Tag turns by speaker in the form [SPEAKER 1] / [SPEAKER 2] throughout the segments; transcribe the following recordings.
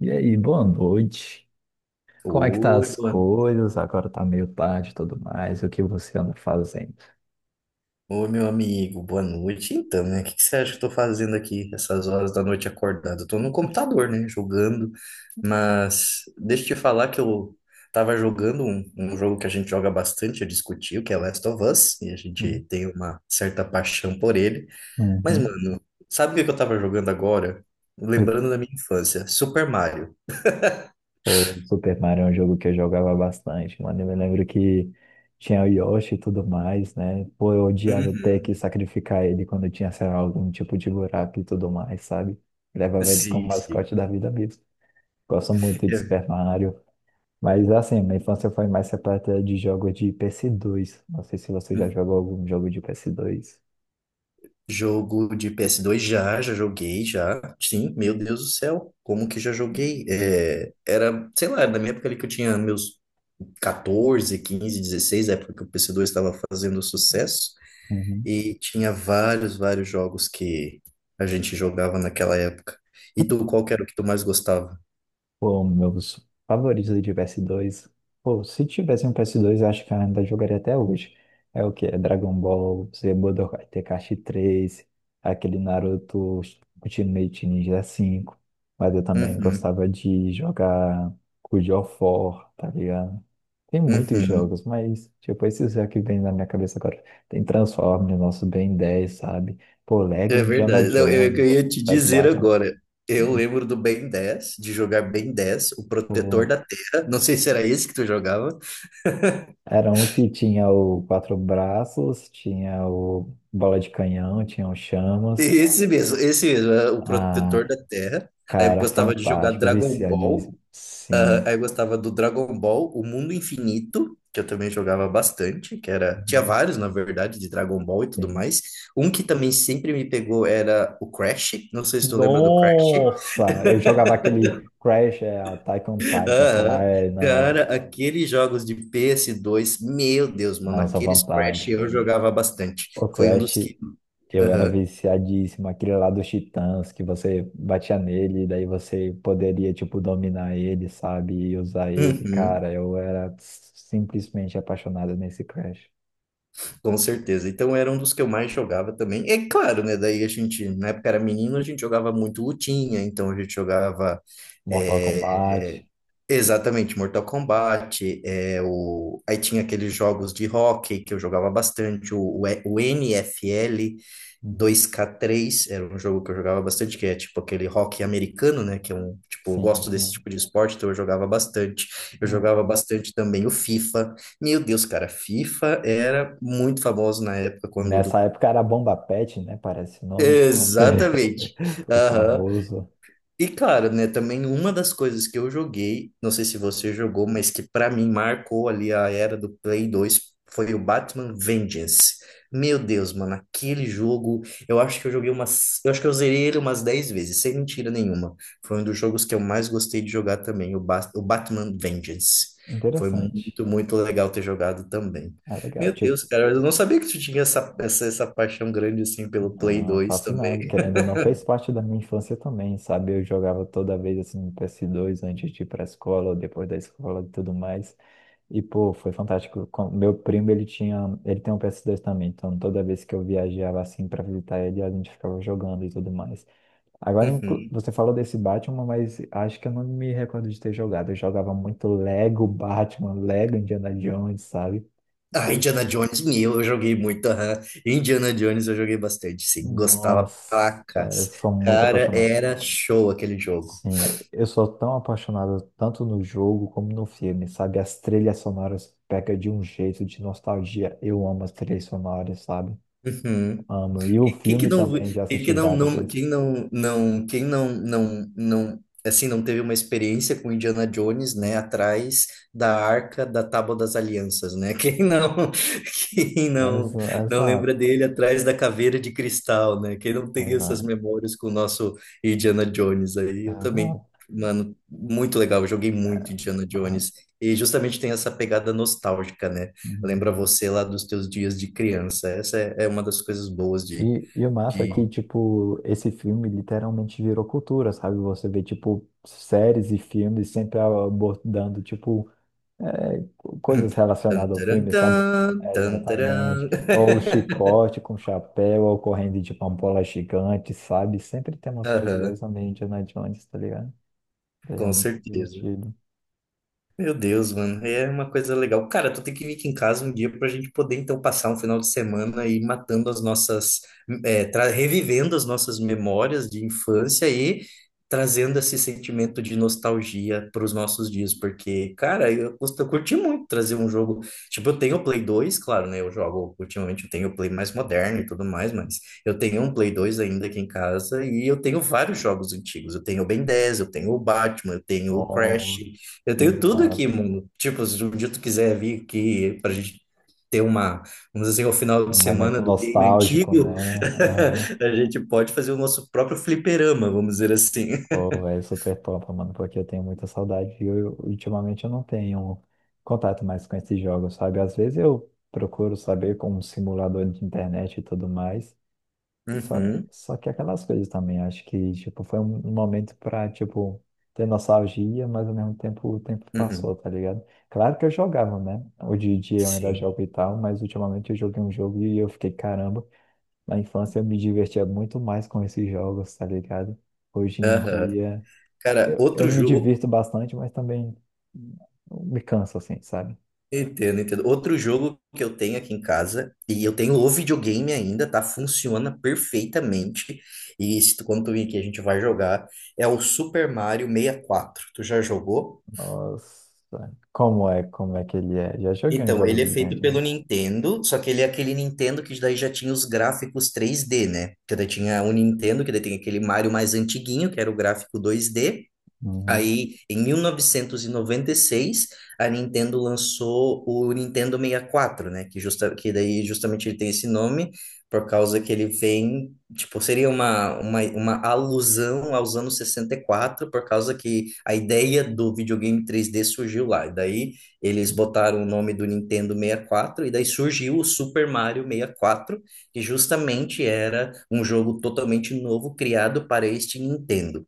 [SPEAKER 1] E aí, boa noite. Como é que tá
[SPEAKER 2] Oi,
[SPEAKER 1] as
[SPEAKER 2] boa...
[SPEAKER 1] coisas? Agora tá meio tarde e tudo mais. O que você anda fazendo?
[SPEAKER 2] Oi, meu amigo, boa noite. Então, né? O que que você acha que eu tô fazendo aqui essas horas da noite acordado? Eu tô no computador, né? Jogando. Mas deixa eu te falar que eu tava jogando um jogo que a gente joga bastante, eu discuti, o que é Last of Us, e a
[SPEAKER 1] Hum.
[SPEAKER 2] gente tem uma certa paixão por ele. Mas,
[SPEAKER 1] Uhum.
[SPEAKER 2] mano, sabe o que que eu tava jogando agora? Lembrando da minha infância, Super Mario.
[SPEAKER 1] O Super Mario é um jogo que eu jogava bastante, mano. Eu me lembro que tinha o Yoshi e tudo mais, né? Pô, eu odiava ter que
[SPEAKER 2] Uhum.
[SPEAKER 1] sacrificar ele quando tinha, sei lá, algum tipo de buraco e tudo mais, sabe? Levava ele como
[SPEAKER 2] Sim, sim.
[SPEAKER 1] mascote da vida mesmo. Gosto muito de Super Mario. Mas assim, minha infância foi mais repleta de jogos de PS2. Não sei se você
[SPEAKER 2] É.
[SPEAKER 1] já jogou algum jogo de PS2.
[SPEAKER 2] Jogo de PS2 já joguei já. Sim, meu Deus do céu, como que já joguei? É, era, sei lá, na minha época ali que eu tinha meus 14 15 16 época que o PS2 estava fazendo sucesso,
[SPEAKER 1] Uhum.
[SPEAKER 2] e tinha vários jogos que a gente jogava naquela época. E tu, qual que era o que tu mais gostava?
[SPEAKER 1] Pô, meus favoritos de PS2. Pô, se tivesse um PS2, eu acho que eu ainda jogaria até hoje. É o que? É Dragon Ball Z Budokai Tenkaichi 3, aquele Naruto Ultimate Ninja 5. Mas eu também
[SPEAKER 2] Uhum,
[SPEAKER 1] gostava de jogar God of War, tá ligado? Tem muitos
[SPEAKER 2] uhum.
[SPEAKER 1] jogos, mas tipo, esses é que vem na minha cabeça agora. Tem Transformers, nosso Ben 10, sabe? Pô, Lego
[SPEAKER 2] É
[SPEAKER 1] Indiana
[SPEAKER 2] verdade. Não, eu
[SPEAKER 1] Jones,
[SPEAKER 2] ia te
[SPEAKER 1] Lego
[SPEAKER 2] dizer
[SPEAKER 1] Batman.
[SPEAKER 2] agora. Eu lembro do Ben 10 de jogar Ben 10 o protetor
[SPEAKER 1] Pô,
[SPEAKER 2] da terra. Não sei se era esse que tu jogava.
[SPEAKER 1] era um que tinha o Quatro Braços, tinha o Bola de Canhão, tinha o Chamas.
[SPEAKER 2] Esse mesmo, é o protetor
[SPEAKER 1] Ah,
[SPEAKER 2] da Terra. Aí eu
[SPEAKER 1] cara,
[SPEAKER 2] gostava de jogar
[SPEAKER 1] fantástico,
[SPEAKER 2] Dragon Ball.
[SPEAKER 1] viciadíssimo.
[SPEAKER 2] Ah, aí
[SPEAKER 1] Sim.
[SPEAKER 2] eu gostava do Dragon Ball, o Mundo Infinito, que eu também jogava bastante, que era, tinha
[SPEAKER 1] Uhum,
[SPEAKER 2] vários, na verdade, de Dragon Ball e tudo
[SPEAKER 1] sim.
[SPEAKER 2] mais. Um que também sempre me pegou era o Crash. Não sei se tu lembra do Crash.
[SPEAKER 1] Nossa! Eu jogava aquele Crash, é, Attack on Titan, sei lá,
[SPEAKER 2] Aham.
[SPEAKER 1] é, não, é,
[SPEAKER 2] Cara, aqueles jogos de PS2, meu Deus, mano,
[SPEAKER 1] nossa,
[SPEAKER 2] aqueles Crash eu
[SPEAKER 1] fantástico, né?
[SPEAKER 2] jogava bastante.
[SPEAKER 1] O
[SPEAKER 2] Foi um
[SPEAKER 1] Crash,
[SPEAKER 2] dos que.
[SPEAKER 1] eu era
[SPEAKER 2] Aham.
[SPEAKER 1] viciadíssimo, aquele lá dos Titãs, que você batia nele, e daí você poderia, tipo, dominar ele, sabe? E usar ele.
[SPEAKER 2] Uhum.
[SPEAKER 1] Cara, eu era simplesmente apaixonado nesse Crash.
[SPEAKER 2] Com certeza. Então era um dos que eu mais jogava também. É claro, né? Daí a gente, na época era menino, a gente jogava muito lutinha, então a gente jogava.
[SPEAKER 1] Mortal
[SPEAKER 2] eh,
[SPEAKER 1] Kombat.
[SPEAKER 2] Exatamente, Mortal Kombat, é, aí tinha aqueles jogos de hóquei que eu jogava bastante, o NFL
[SPEAKER 1] Uhum.
[SPEAKER 2] 2K3 era um jogo que eu jogava bastante, que é tipo aquele hóquei americano, né, que é um, tipo, eu
[SPEAKER 1] Sim,
[SPEAKER 2] gosto desse
[SPEAKER 1] sim.
[SPEAKER 2] tipo de esporte, então eu
[SPEAKER 1] Ah,
[SPEAKER 2] jogava bastante também o FIFA, meu Deus, cara, FIFA era muito famoso na época.
[SPEAKER 1] nessa época era Bomba Pet, né? Parece o nome.
[SPEAKER 2] Exatamente.
[SPEAKER 1] O famoso.
[SPEAKER 2] E cara, né, também uma das coisas que eu joguei, não sei se você jogou, mas que pra mim marcou ali a era do Play 2 foi o Batman Vengeance. Meu Deus, mano, aquele jogo, eu acho que eu joguei umas, eu acho que eu zerei ele umas 10 vezes, sem mentira nenhuma. Foi um dos jogos que eu mais gostei de jogar também, o Batman Vengeance. Foi
[SPEAKER 1] Interessante.
[SPEAKER 2] muito, muito legal ter jogado também.
[SPEAKER 1] Ah, legal.
[SPEAKER 2] Meu Deus,
[SPEAKER 1] Tipo.
[SPEAKER 2] cara, eu não sabia que tu tinha essa paixão grande assim pelo Play
[SPEAKER 1] Ah,
[SPEAKER 2] 2
[SPEAKER 1] fascinado,
[SPEAKER 2] também.
[SPEAKER 1] querendo ou não, fez parte da minha infância também, sabe? Eu jogava toda vez assim no PS2 antes de ir pra escola, depois da escola e tudo mais. E pô, foi fantástico. Meu primo, ele tinha, ele tem um PS2 também, então toda vez que eu viajava assim pra visitar ele, a gente ficava jogando e tudo mais. Agora
[SPEAKER 2] Uhum.
[SPEAKER 1] você falou desse Batman, mas acho que eu não me recordo de ter jogado. Eu jogava muito Lego Batman, Lego Indiana Jones, sabe?
[SPEAKER 2] Ah,
[SPEAKER 1] Eu-
[SPEAKER 2] Indiana Jones, meu, eu joguei muito. Aham. Indiana Jones eu joguei bastante, sim. Gostava
[SPEAKER 1] Nossa,
[SPEAKER 2] pra
[SPEAKER 1] eu
[SPEAKER 2] cacete.
[SPEAKER 1] sou muito
[SPEAKER 2] Cara,
[SPEAKER 1] apaixonado.
[SPEAKER 2] era show aquele jogo.
[SPEAKER 1] Sim, eu sou tão apaixonado tanto no jogo como no filme, sabe? As trilhas sonoras pegam de um jeito de nostalgia. Eu amo as trilhas sonoras, sabe?
[SPEAKER 2] Uhum.
[SPEAKER 1] Amo. E o
[SPEAKER 2] Quem quem que
[SPEAKER 1] filme
[SPEAKER 2] não,
[SPEAKER 1] também, já
[SPEAKER 2] quem
[SPEAKER 1] assisti
[SPEAKER 2] que não,
[SPEAKER 1] várias
[SPEAKER 2] não,
[SPEAKER 1] vezes.
[SPEAKER 2] quem não, assim, não teve uma experiência com Indiana Jones, né, atrás da Arca da Tábua das Alianças, né? Quem não, quem não,
[SPEAKER 1] Exa-
[SPEAKER 2] não lembra
[SPEAKER 1] Exato.
[SPEAKER 2] dele atrás da Caveira de Cristal, né? Quem não tem essas
[SPEAKER 1] Exa-
[SPEAKER 2] memórias com o nosso Indiana Jones aí, eu também,
[SPEAKER 1] Exato.
[SPEAKER 2] mano, muito legal, eu joguei muito Indiana
[SPEAKER 1] Aham.
[SPEAKER 2] Jones. E justamente tem essa pegada nostálgica, né?
[SPEAKER 1] Uhum.
[SPEAKER 2] Lembra você lá dos teus dias de criança. Essa é uma das coisas boas de
[SPEAKER 1] E o massa é que,
[SPEAKER 2] de.
[SPEAKER 1] tipo, esse filme literalmente virou cultura, sabe? Você vê, tipo, séries e filmes sempre abordando, tipo, coisas
[SPEAKER 2] Tan,
[SPEAKER 1] relacionadas ao
[SPEAKER 2] taran,
[SPEAKER 1] filme, sabe?
[SPEAKER 2] tan, tan, taran.
[SPEAKER 1] Exatamente. Ou o chicote com chapéu, ou correndo de pampola gigante, sabe? Sempre tem umas coisas
[SPEAKER 2] Aham,
[SPEAKER 1] dessa meio Indiana Jones, tá ligado? Daí é
[SPEAKER 2] com
[SPEAKER 1] muito
[SPEAKER 2] certeza.
[SPEAKER 1] divertido.
[SPEAKER 2] Meu Deus, mano, é uma coisa legal. Cara, tu tem que vir aqui em casa um dia pra gente poder então passar um final de semana e matando as nossas, revivendo as nossas memórias de infância e trazendo esse sentimento de nostalgia para os nossos dias, porque, cara, eu curti muito trazer um jogo. Tipo, eu tenho o Play 2, claro, né? Eu jogo ultimamente, eu tenho o Play mais moderno e tudo mais, mas eu tenho um Play 2 ainda aqui em casa e eu tenho vários jogos antigos. Eu tenho o Ben 10, eu tenho o Batman, eu tenho o Crash.
[SPEAKER 1] Bom,
[SPEAKER 2] Eu
[SPEAKER 1] e
[SPEAKER 2] tenho tudo aqui, mundo. Tipo, se um dia tu quiser vir aqui pra gente ter uma, vamos dizer, o final de
[SPEAKER 1] um
[SPEAKER 2] semana
[SPEAKER 1] momento
[SPEAKER 2] do game
[SPEAKER 1] nostálgico,
[SPEAKER 2] antigo,
[SPEAKER 1] né? Aham.
[SPEAKER 2] a gente pode fazer o nosso próprio fliperama, vamos dizer assim.
[SPEAKER 1] Pô, velho, super top, mano, porque eu tenho muita saudade e ultimamente eu não tenho contato mais com esses jogos, sabe? Às vezes eu procuro saber com um simulador de internet e tudo mais. Só,
[SPEAKER 2] Uhum,
[SPEAKER 1] só que aquelas coisas também, acho que, tipo, foi um momento pra, tipo, ter nostalgia, mas ao mesmo tempo o tempo
[SPEAKER 2] uhum,
[SPEAKER 1] passou, tá ligado? Claro que eu jogava, né? Hoje em dia eu ainda
[SPEAKER 2] sim.
[SPEAKER 1] jogo e tal, mas ultimamente eu joguei um jogo e eu fiquei, caramba, na infância eu me divertia muito mais com esses jogos, tá ligado? Hoje em
[SPEAKER 2] Aham.
[SPEAKER 1] dia
[SPEAKER 2] Cara,
[SPEAKER 1] eu
[SPEAKER 2] outro
[SPEAKER 1] me
[SPEAKER 2] jogo.
[SPEAKER 1] divirto bastante, mas também me canso, assim, sabe?
[SPEAKER 2] Entendo, entendo. Outro jogo que eu tenho aqui em casa, e eu tenho o videogame ainda, tá? Funciona perfeitamente. E se tu, quando tu vir aqui, a gente vai jogar. É o Super Mario 64. Tu já jogou?
[SPEAKER 1] Nossa, como é que ele é? Já joguei uns
[SPEAKER 2] Então, ele
[SPEAKER 1] jogos
[SPEAKER 2] é
[SPEAKER 1] do
[SPEAKER 2] feito pelo
[SPEAKER 1] Dungeon.
[SPEAKER 2] Nintendo, só que ele é aquele Nintendo que daí já tinha os gráficos 3D, né? Que daí tinha o Nintendo, que daí tem aquele Mario mais antiguinho, que era o gráfico 2D.
[SPEAKER 1] Uhum.
[SPEAKER 2] Aí, em mil novecentos e noventa e seis, a Nintendo lançou o Nintendo 64, né? Que daí justamente ele tem esse nome por causa que ele vem, tipo, seria uma alusão aos anos 64 por causa que a ideia do videogame 3D surgiu lá. E daí eles botaram o nome do Nintendo 64 e quatro, e daí surgiu o Super Mario 64 que justamente era um jogo totalmente novo criado para este Nintendo.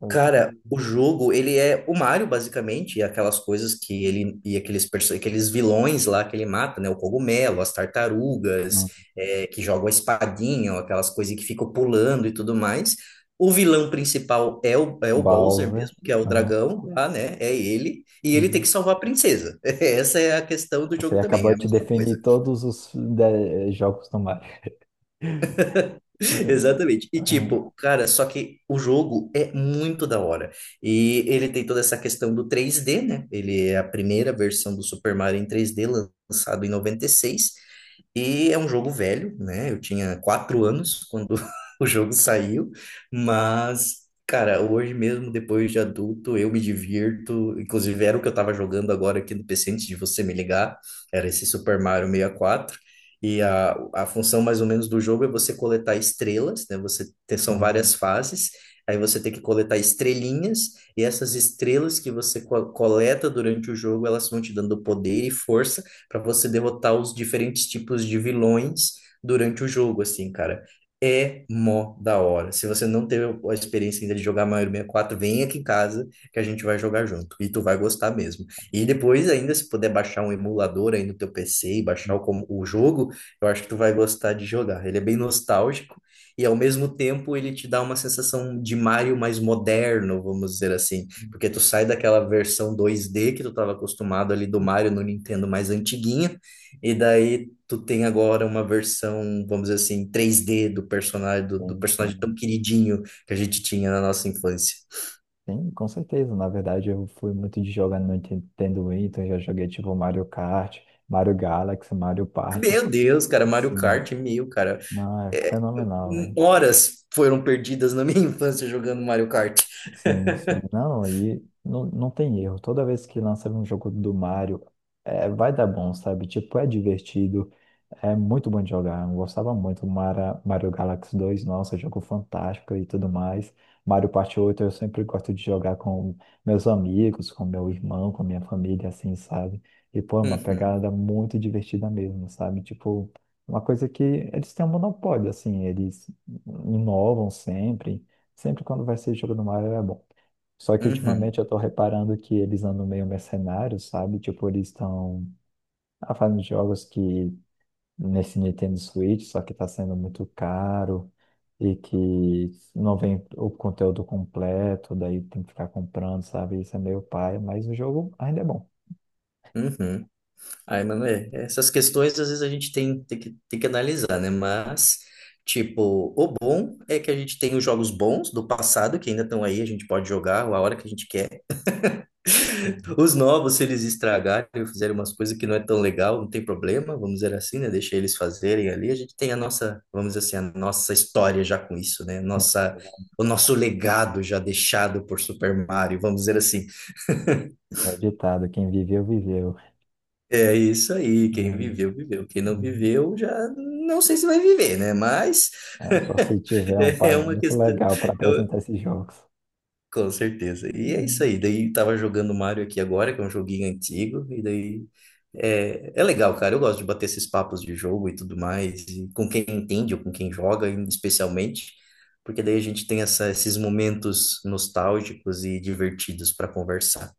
[SPEAKER 1] Ok.
[SPEAKER 2] Cara, o jogo, ele é o Mario, basicamente, e aquelas coisas que ele, aqueles vilões lá que ele mata, né? O cogumelo, as tartarugas,
[SPEAKER 1] Uhum.
[SPEAKER 2] é, que jogam a espadinha, ou aquelas coisas que ficam pulando e tudo mais. O vilão principal é o Bowser
[SPEAKER 1] Bowser.
[SPEAKER 2] mesmo, que é o
[SPEAKER 1] Aham,
[SPEAKER 2] dragão lá, né? É ele. E ele tem
[SPEAKER 1] uhum.
[SPEAKER 2] que salvar a princesa. Essa é a questão do
[SPEAKER 1] Você
[SPEAKER 2] jogo também, é
[SPEAKER 1] acabou
[SPEAKER 2] a
[SPEAKER 1] de
[SPEAKER 2] mesma
[SPEAKER 1] definir
[SPEAKER 2] coisa.
[SPEAKER 1] todos os jogos do Mario.
[SPEAKER 2] Exatamente. E
[SPEAKER 1] Eh,
[SPEAKER 2] tipo, cara, só que o jogo é muito da hora. E ele tem toda essa questão do 3D, né? Ele é a primeira versão do Super Mario em 3D lançado em 96. E é um jogo velho, né? Eu tinha 4 anos quando o jogo saiu, mas, cara, hoje mesmo, depois de adulto, eu me divirto. Inclusive, era o que eu tava jogando agora aqui no PC antes de você me ligar, era esse Super Mario 64. E quatro. E a função mais ou menos do jogo é você coletar estrelas, né? Você tem, são várias
[SPEAKER 1] Uhum.
[SPEAKER 2] fases. Aí você tem que coletar estrelinhas, e essas estrelas que você coleta durante o jogo, elas vão te dando poder e força para você derrotar os diferentes tipos de vilões durante o jogo, assim, cara. É mó da hora. Se você não teve a experiência ainda de jogar Mario 64 vem aqui em casa que a gente vai jogar junto. E tu vai gostar mesmo. E depois, ainda, se puder baixar um emulador aí no teu PC e baixar o jogo, eu acho que tu vai gostar de jogar. Ele é bem nostálgico. E ao mesmo tempo ele te dá uma sensação de Mario mais moderno, vamos dizer assim, porque tu sai daquela versão 2D que tu estava acostumado ali do Mario no Nintendo mais antiguinha e daí tu tem agora uma versão, vamos dizer assim, 3D do personagem, do
[SPEAKER 1] Tem,
[SPEAKER 2] personagem
[SPEAKER 1] tem,
[SPEAKER 2] tão queridinho que a gente tinha na nossa infância.
[SPEAKER 1] tem, com certeza. Na verdade, eu fui muito de jogar no Nintendo Wii, então eu já joguei tipo Mario Kart, Mario Galaxy, Mario Party.
[SPEAKER 2] Meu Deus, cara, Mario
[SPEAKER 1] Sim,
[SPEAKER 2] Kart mil, cara.
[SPEAKER 1] não, é
[SPEAKER 2] É,
[SPEAKER 1] fenomenal, velho.
[SPEAKER 2] horas foram perdidas na minha infância jogando Mario Kart.
[SPEAKER 1] Sim, sim. Não, aí não, não tem erro. Toda vez que lançar um jogo do Mario, é, vai dar bom, sabe? Tipo, é divertido, é muito bom de jogar. Eu gostava muito do Mario Galaxy 2, nossa, jogo fantástico e tudo mais. Mario Party 8. Eu sempre gosto de jogar com meus amigos, com meu irmão, com minha família, assim, sabe? E, pô, é uma
[SPEAKER 2] Uhum,
[SPEAKER 1] pegada muito divertida mesmo, sabe? Tipo, uma coisa que eles têm um monopólio, assim, eles inovam sempre. Sempre quando vai ser jogo no Mario é bom. Só que
[SPEAKER 2] uhum,
[SPEAKER 1] ultimamente eu tô reparando que eles andam meio mercenários, sabe? Tipo, eles estão fazendo jogos que nesse Nintendo Switch, só que tá sendo muito caro e que não vem o conteúdo completo, daí tem que ficar comprando, sabe? Isso é meio pai, mas o jogo ainda é bom.
[SPEAKER 2] uhum. Ai, mano, é, essas questões às vezes a gente tem que analisar, né? Mas, tipo, o bom é que a gente tem os jogos bons do passado que ainda estão aí, a gente pode jogar a hora que a gente quer.
[SPEAKER 1] Uhum.
[SPEAKER 2] Os novos, se eles estragarem ou fizerem umas coisas que não é tão legal, não tem problema, vamos dizer assim, né? Deixa eles fazerem ali. A gente tem a nossa, vamos dizer assim, a nossa história já com isso, né?
[SPEAKER 1] Sim,
[SPEAKER 2] Nossa, o nosso legado já deixado por Super Mario, vamos dizer assim.
[SPEAKER 1] é ditado, quem viveu, viveu.
[SPEAKER 2] É isso aí, quem
[SPEAKER 1] Hum,
[SPEAKER 2] viveu, viveu. Quem não
[SPEAKER 1] hum.
[SPEAKER 2] viveu, já não sei se vai viver, né? Mas
[SPEAKER 1] É, só se tiver um
[SPEAKER 2] é
[SPEAKER 1] pai
[SPEAKER 2] uma
[SPEAKER 1] muito
[SPEAKER 2] questão.
[SPEAKER 1] legal para
[SPEAKER 2] É,
[SPEAKER 1] apresentar esses jogos.
[SPEAKER 2] com certeza. E é isso
[SPEAKER 1] Uhum.
[SPEAKER 2] aí. Daí tava jogando Mario aqui agora, que é um joguinho antigo, e daí é legal, cara. Eu gosto de bater esses papos de jogo e tudo mais, e com quem entende ou com quem joga, especialmente, porque daí a gente tem esses momentos nostálgicos e divertidos para conversar.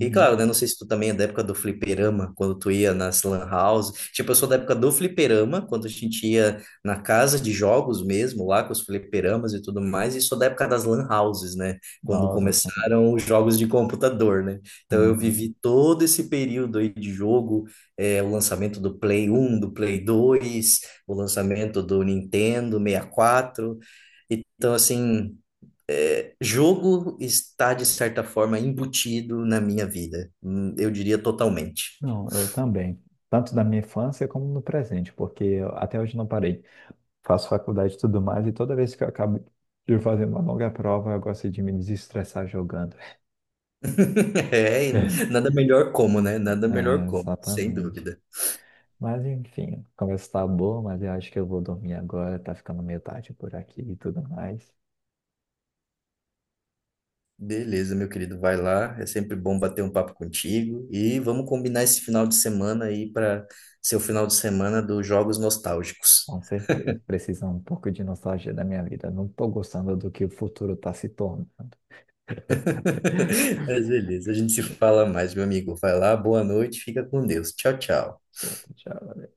[SPEAKER 2] E claro, né? Não sei se tu também é da época do fliperama, quando tu ia nas lan house. Tipo, eu sou da época do fliperama, quando a gente ia na casa de jogos mesmo, lá com os fliperamas e tudo mais. E sou da época das lan houses, né? Quando
[SPEAKER 1] Nossa, assim.
[SPEAKER 2] começaram os jogos de computador, né? Então eu
[SPEAKER 1] Uhum.
[SPEAKER 2] vivi todo esse período aí de jogo, é, o lançamento do Play 1 do Play 2 o lançamento do Nintendo 64. Então, assim. É, jogo está, de certa forma, embutido na minha vida. Eu diria totalmente.
[SPEAKER 1] Não, eu também. Tanto da minha infância como no presente, porque eu até hoje não parei. Faço faculdade e tudo mais, e toda vez que eu acabo de fazer uma longa prova, eu gosto de me desestressar jogando.
[SPEAKER 2] É, e nada melhor como, né? Nada melhor
[SPEAKER 1] É,
[SPEAKER 2] como, sem
[SPEAKER 1] exatamente.
[SPEAKER 2] dúvida.
[SPEAKER 1] Mas enfim, a conversa tá boa, mas eu acho que eu vou dormir agora, tá ficando meio tarde por aqui e tudo mais.
[SPEAKER 2] Beleza, meu querido, vai lá. É sempre bom bater um papo contigo. E vamos combinar esse final de semana aí para ser o final de semana dos jogos nostálgicos.
[SPEAKER 1] Com certeza. Precisa um pouco de nostalgia da minha vida. Não tô gostando do que o futuro tá se tornando.
[SPEAKER 2] Mas beleza, a gente se fala mais, meu amigo. Vai lá, boa noite, fica com Deus. Tchau, tchau.
[SPEAKER 1] Certo, tchau.